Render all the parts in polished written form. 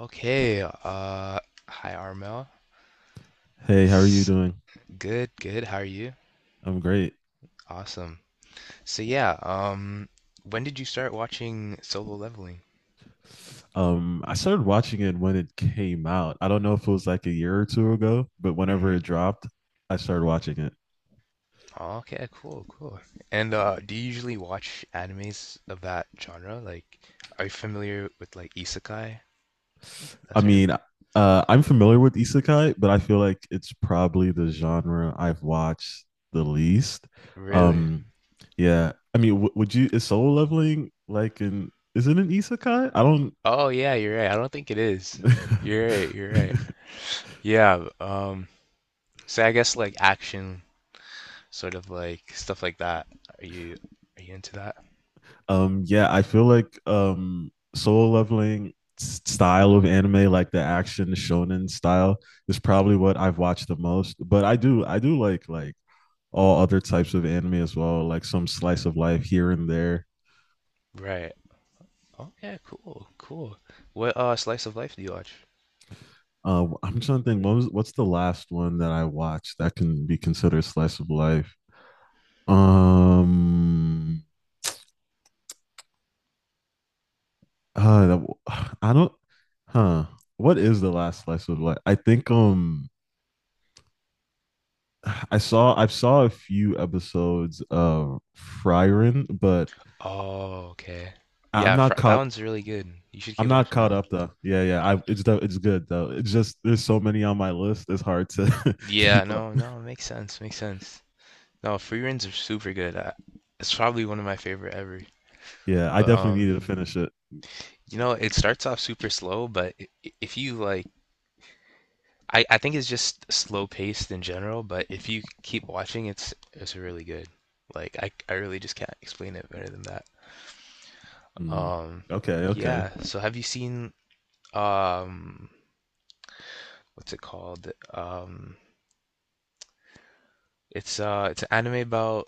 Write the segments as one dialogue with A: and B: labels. A: Okay, uh, hi Armel.
B: Hey, how are you
A: S
B: doing?
A: Good, good. How are you?
B: I'm great.
A: Awesome. So yeah, when did you start watching Solo Leveling?
B: I started watching it when it came out. I don't know if it was like a year or two ago, but whenever
A: Hmm.
B: it dropped, I started watching it.
A: Okay, cool, cool. And do you usually watch animes of that genre? Like, are you familiar with like isekai? That
B: I
A: term?
B: mean, I'm familiar with isekai, but I feel like it's probably the genre I've watched the least.
A: Really?
B: Um, yeah. I mean, w would you, is Soul Leveling like an, is it an isekai? I don't.
A: Oh yeah, you're right. I don't think it is. You're right, you're right. Yeah, so I guess like action, sort of like stuff like that. Are you are you into that?
B: Yeah, I feel like Soul Leveling style of anime, like the action shonen style, is probably what I've watched the most. But I do like all other types of anime as well, like some slice of life here and there.
A: Right. Oh yeah, cool, cool. What slice of life do you watch?
B: I'm trying to think what's the last one that I watched that can be considered slice of life. Um, uh, that w- I don't, huh? What is the last slice of life? I think I saw a few episodes of Frieren, but
A: Oh, okay.
B: I am
A: Yeah, Fr
B: not
A: that
B: caught.
A: one's really good. You should
B: I'm
A: keep
B: not
A: watching that
B: caught
A: one.
B: up though. Yeah, yeah. I it's good though. It's just there's so many on my list. It's hard to
A: Yeah,
B: keep up.
A: no, no, it makes sense, makes sense. No, free runs are super good. It's probably one of my favorite ever.
B: Yeah, I
A: But
B: definitely needed to finish it.
A: it starts off super slow, but if you like, I think it's just slow paced in general. But if you keep watching, it's really good. Like I really just can't explain it better than that.
B: Mm.
A: Um,
B: Okay, okay.
A: yeah. So have you seen um? what's it called? It's an anime about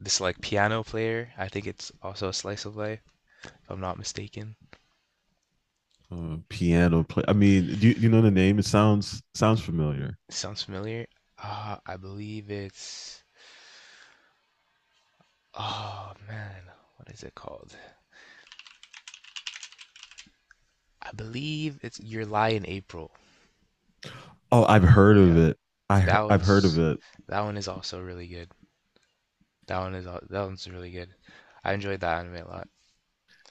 A: this like piano player. I think it's also a slice of life, if I'm not mistaken.
B: Piano play. I mean, you know the name? It sounds familiar.
A: Sounds familiar. I believe it's. Oh man, what is it called? I believe it's Your Lie in April.
B: Oh, I've heard of
A: Yeah,
B: it.
A: that
B: I've heard of
A: one's
B: it.
A: that one is also really good. That one is that one's really good. I enjoyed that anime a lot.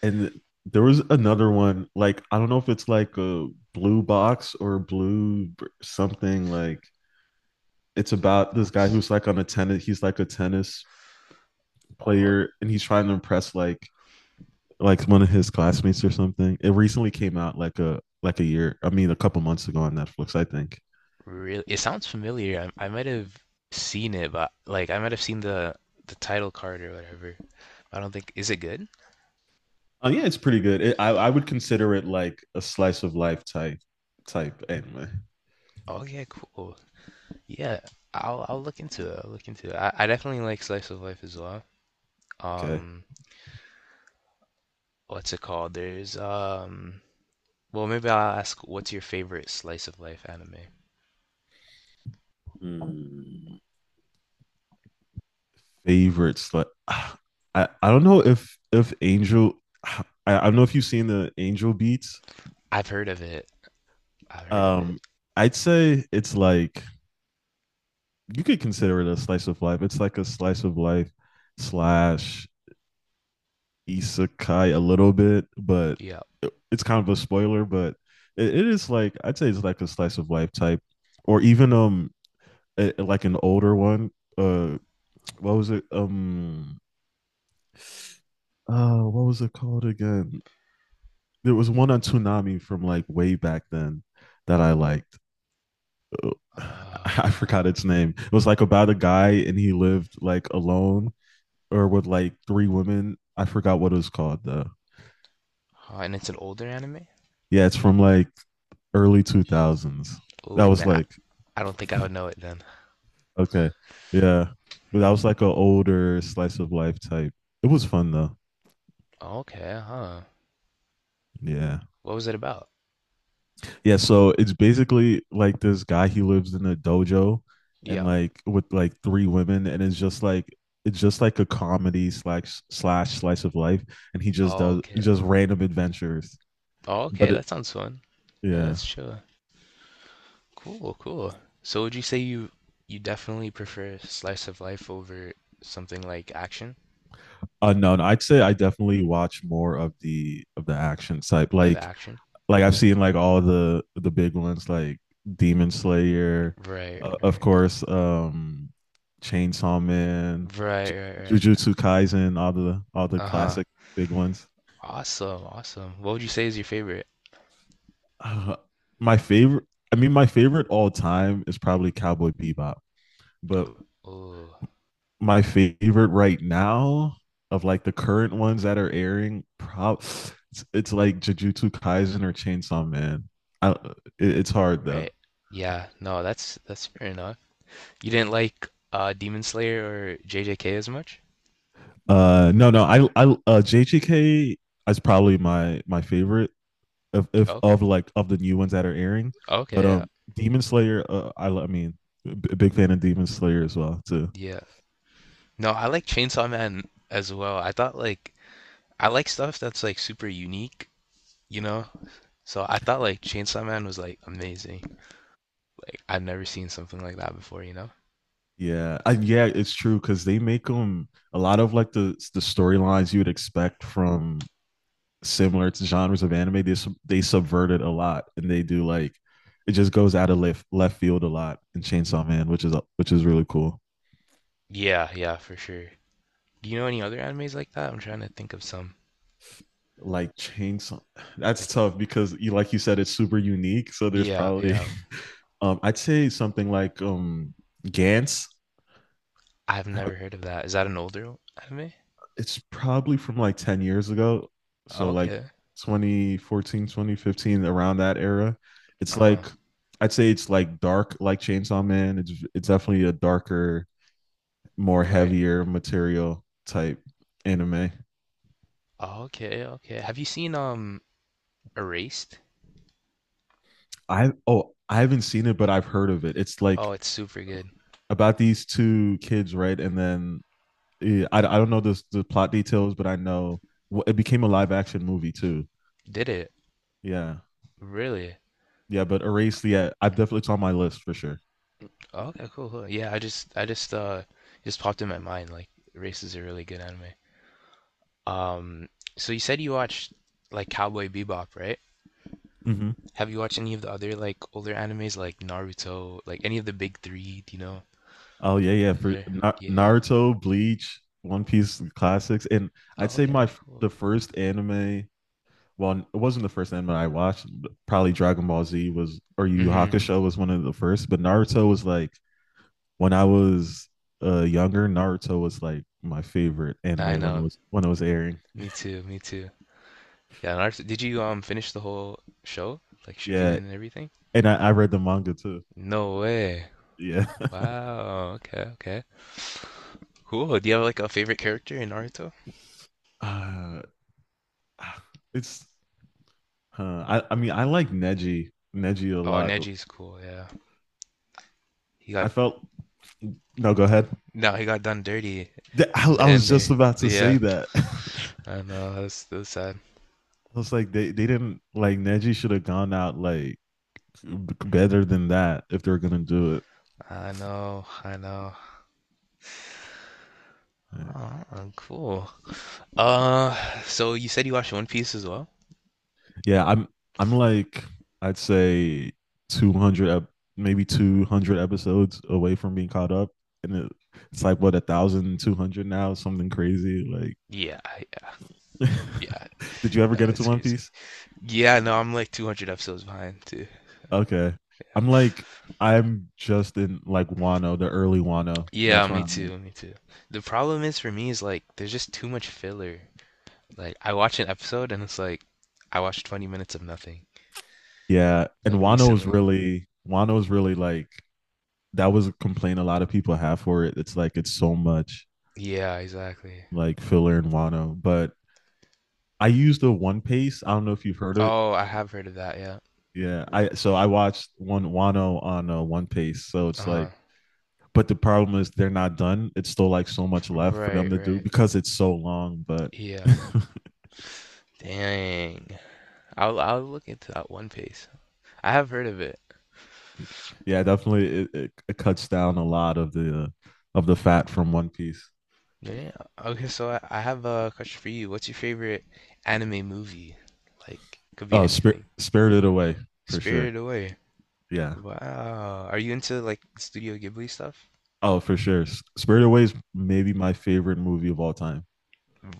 B: And there was another one. Like I don't know if it's like a blue box or something like it's
A: Blue
B: about this guy
A: box.
B: who's like on a tennis he's like a tennis
A: Oh,
B: player, and he's trying to impress like one of his classmates or something. It recently came out like a year, I mean a couple months ago on Netflix, I think.
A: really, it sounds familiar. I might have seen it, but like I might have seen the title card or whatever. I don't think is it good?
B: Yeah, it's pretty good. It, I would consider it like a slice of life type anime.
A: Oh yeah, cool. Yeah, I'll look into it. I'll look into it. I definitely like slice of life as well.
B: Okay.
A: Um, what's it called? There's well maybe I'll ask what's your favorite slice of life anime?
B: Hmm. Favorite slice. I don't know if Angel. I don't know if you've seen the Angel Beats.
A: I've heard of it. I've heard of it.
B: Um, I'd say it's like you could consider it a slice of life. It's like a slice of life slash isekai a little bit, but
A: Yeah.
B: it's kind of a spoiler. But it is like I'd say it's like a slice of life type, or even like an older one. Uh, what was it? What was it called again? There was one on Toonami from like way back then that I liked. I
A: Uh,
B: forgot its name. It was like about a guy, and he lived like alone or with like three women. I forgot what it was called though.
A: huh, and it's an older anime?
B: Yeah, it's from like early 2000s. That
A: Oh,
B: was
A: then
B: like
A: I don't think I would know it then.
B: okay. Yeah. But that
A: Hmm.
B: was like an older slice of life type. It was fun though.
A: Okay, huh.
B: Yeah.
A: What was it about?
B: Yeah, so it's basically like this guy, he lives in a dojo and
A: Yeah.
B: like with like three women, and it's just like a comedy slash slice of life, and he just
A: Oh,
B: does
A: okay.
B: just random adventures.
A: Oh, okay.
B: But it
A: That sounds fun. Yeah,
B: yeah.
A: that's chill. Cool, cool. So would you say you definitely prefer slice of life over something like action?
B: No, no, I'd say I definitely watch more of the action side.
A: Of
B: Like
A: action?
B: like I've seen like all the big ones like Demon Slayer,
A: Right,
B: of
A: right.
B: course, Chainsaw Man,
A: Right,
B: Ju-
A: right, right.
B: Jujutsu Kaisen, all the
A: Uh-huh.
B: classic big ones.
A: Awesome, awesome. What would you say is your favorite?
B: Uh, my favorite, I mean, my favorite all time is probably Cowboy Bebop, but
A: Oh,
B: my favorite right now of like the current ones that are airing, it's like Jujutsu Kaisen or Chainsaw Man. I, it's hard though.
A: right. Yeah, no, that's fair enough. You didn't like Demon Slayer or JJK as much?
B: No, no, JGK is probably my favorite of if
A: Okay.
B: of like of the new ones that are airing. But
A: Okay, yeah.
B: Demon Slayer, I mean, a big fan of Demon Slayer as well too.
A: Yeah. No, I like Chainsaw Man as well. I thought like I like stuff that's like super unique, you know? So I thought like Chainsaw Man was like amazing. Like I've never seen something like that before, you know?
B: Yeah, yeah, it's true because they make them a lot of like the storylines you would expect from similar to genres of anime. They subvert it a lot, and they do like it just goes out of left field a lot in Chainsaw Man, which is really cool.
A: Yeah, yeah, for sure. Do you know any other animes like that? I'm trying to think of some.
B: like chainsaw That's
A: Like
B: tough because you like you said it's super unique, so there's
A: yeah,
B: probably
A: yeah.
B: I'd say something like Gantz.
A: I've never heard of that. Is that an older anime?
B: It's probably from like 10 years ago, so like
A: Okay.
B: 2014, 2015, around that era. it's
A: Uh-huh.
B: like i'd say it's like dark, like Chainsaw Man. It's definitely a darker, more
A: Right.
B: heavier material type anime.
A: Okay, okay. Have you seen Erased?
B: I Oh, I haven't seen it, but I've heard of it. It's like
A: Oh, it's super good.
B: about these two kids, right? And then yeah, I don't know the plot details, but I know. Well, it became a live action movie too.
A: Did it?
B: Yeah,
A: Really?
B: yeah, but Erase, yeah, I definitely it's on my list for sure.
A: Oh, okay, cool, cool. Yeah, I just just popped in my mind like Race is a really good anime. Um, so you said you watched like Cowboy Bebop, right?
B: Hmm.
A: Have you watched any of the other like older animes like Naruto, like any of the big three, do you know?
B: Oh yeah, yeah,
A: Is
B: for
A: there? Yeah.
B: Naruto, Bleach, One Piece classics, and I'd
A: Oh,
B: say
A: okay, cool.
B: the first anime. Well, it wasn't the first anime I watched. But probably Dragon Ball Z was, or Yu Yu
A: Mm-hmm.
B: Hakusho was one of the first, but Naruto was like when I was younger. Naruto was like my favorite
A: I
B: anime when it
A: know.
B: was when it was airing.
A: Me too, me too. Yeah, Naruto, did you finish the whole show? Like Shippuden
B: Yeah,
A: and everything?
B: and I read the manga too.
A: No way.
B: Yeah,
A: Wow. Okay, okay. Cool. Do you have like a favorite character in Naruto?
B: uh, it's. I mean I like Neji a
A: Oh,
B: lot.
A: Neji's cool. Yeah, he
B: I
A: got
B: felt No. Go ahead.
A: no, he got done dirty
B: I,
A: in the
B: I
A: end
B: was
A: there.
B: just about to say
A: Yeah,
B: that. I
A: I know. That's sad.
B: was like they didn't, like, Neji should have gone out like better than that if they're gonna do
A: I know. I know.
B: it.
A: Oh, cool. Uh, so you said you watched One Piece as well?
B: Yeah, I'm like I'd say 200, maybe 200 episodes away from being caught up, and it's like, what, 1,200 now, something crazy like
A: Yeah. Yeah.
B: Did you ever
A: No,
B: get into
A: it's
B: One
A: crazy.
B: Piece?
A: Yeah. No, I'm like 200 episodes behind too.
B: Okay. I'm like, I'm just in like Wano, the early Wano.
A: Yeah,
B: That's where
A: me
B: I'm at.
A: too. Me too. The problem is for me is like there's just too much filler. Like I watch an episode and it's like I watched 20 minutes of nothing.
B: Yeah. And
A: Like recently.
B: Wano is really like, that was a complaint a lot of people have for it. It's like, it's so much
A: Yeah, exactly.
B: like filler in Wano. But I used the One Piece. I don't know if you've heard it.
A: Oh, I have heard of that, yeah.
B: Yeah. So I watched one Wano on One Piece. So it's
A: Uh-huh.
B: like, but the problem is they're not done. It's still like so much left for them
A: Right,
B: to do
A: right.
B: because it's so long, but
A: Yeah. Dang. I'll look into that One Piece. I have heard of it.
B: yeah, definitely. It cuts down a lot of the fat from One Piece.
A: Yeah. Okay, so I have a question for you. What's your favorite anime movie? Like, could be
B: Oh,
A: anything.
B: Spirited Away for sure.
A: Spirited Away.
B: Yeah.
A: Wow. Are you into like Studio Ghibli stuff?
B: Oh, for sure. Spirited Away is maybe my favorite movie of all time.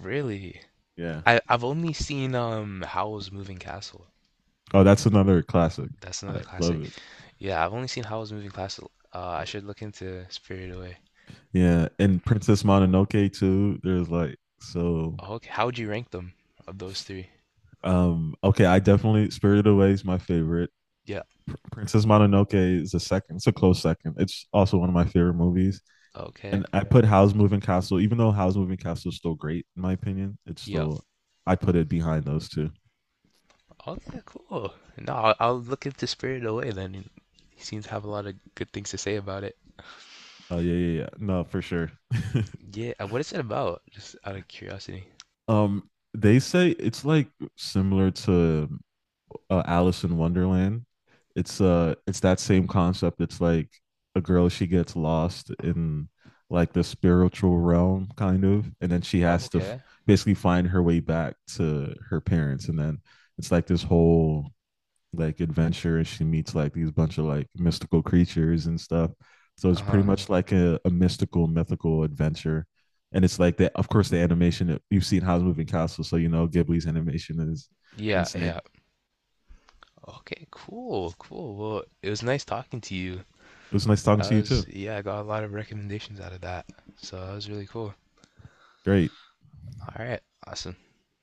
A: Really?
B: Yeah.
A: I've only seen Howl's Moving Castle.
B: Oh, that's another classic.
A: That's another
B: I love
A: classic.
B: it.
A: Yeah, I've only seen Howl's Moving Castle. I should look into Spirited Away.
B: Yeah, and Princess Mononoke too. There's like so.
A: Okay, how would you rank them of those three?
B: Okay, I definitely Spirited Away is my favorite.
A: Yeah.
B: Princess Mononoke is a second. It's a close second. It's also one of my favorite movies.
A: Okay.
B: And I put How's Moving Castle, even though How's Moving Castle is still great in my opinion, it's
A: Yeah.
B: still I put it behind those two.
A: Okay. Cool. No, I'll look into Spirited Away then. And he seems to have a lot of good things to say about it.
B: Oh yeah, yeah, yeah. No, for sure.
A: Yeah. What is it about? Just out of curiosity.
B: They say it's like similar to Alice in Wonderland. It's that same concept. It's like a girl, she gets lost in like the spiritual realm, kind of, and then she
A: Oh,
B: has to
A: okay.
B: basically find her way back to her parents, and then it's like this whole like adventure, and she meets like these bunch of like mystical creatures and stuff. So it's pretty
A: Uh-huh.
B: much like a mystical, mythical adventure. And it's like that, of course, the animation, you've seen Howl's Moving Castle, so, Ghibli's animation is
A: Yeah.
B: insane.
A: Yeah. Okay. Cool. Cool. Well, it was nice talking to you.
B: It was nice talking to you too.
A: Yeah, I got a lot of recommendations out of that. So that was really cool.
B: Great.
A: All right. Awesome.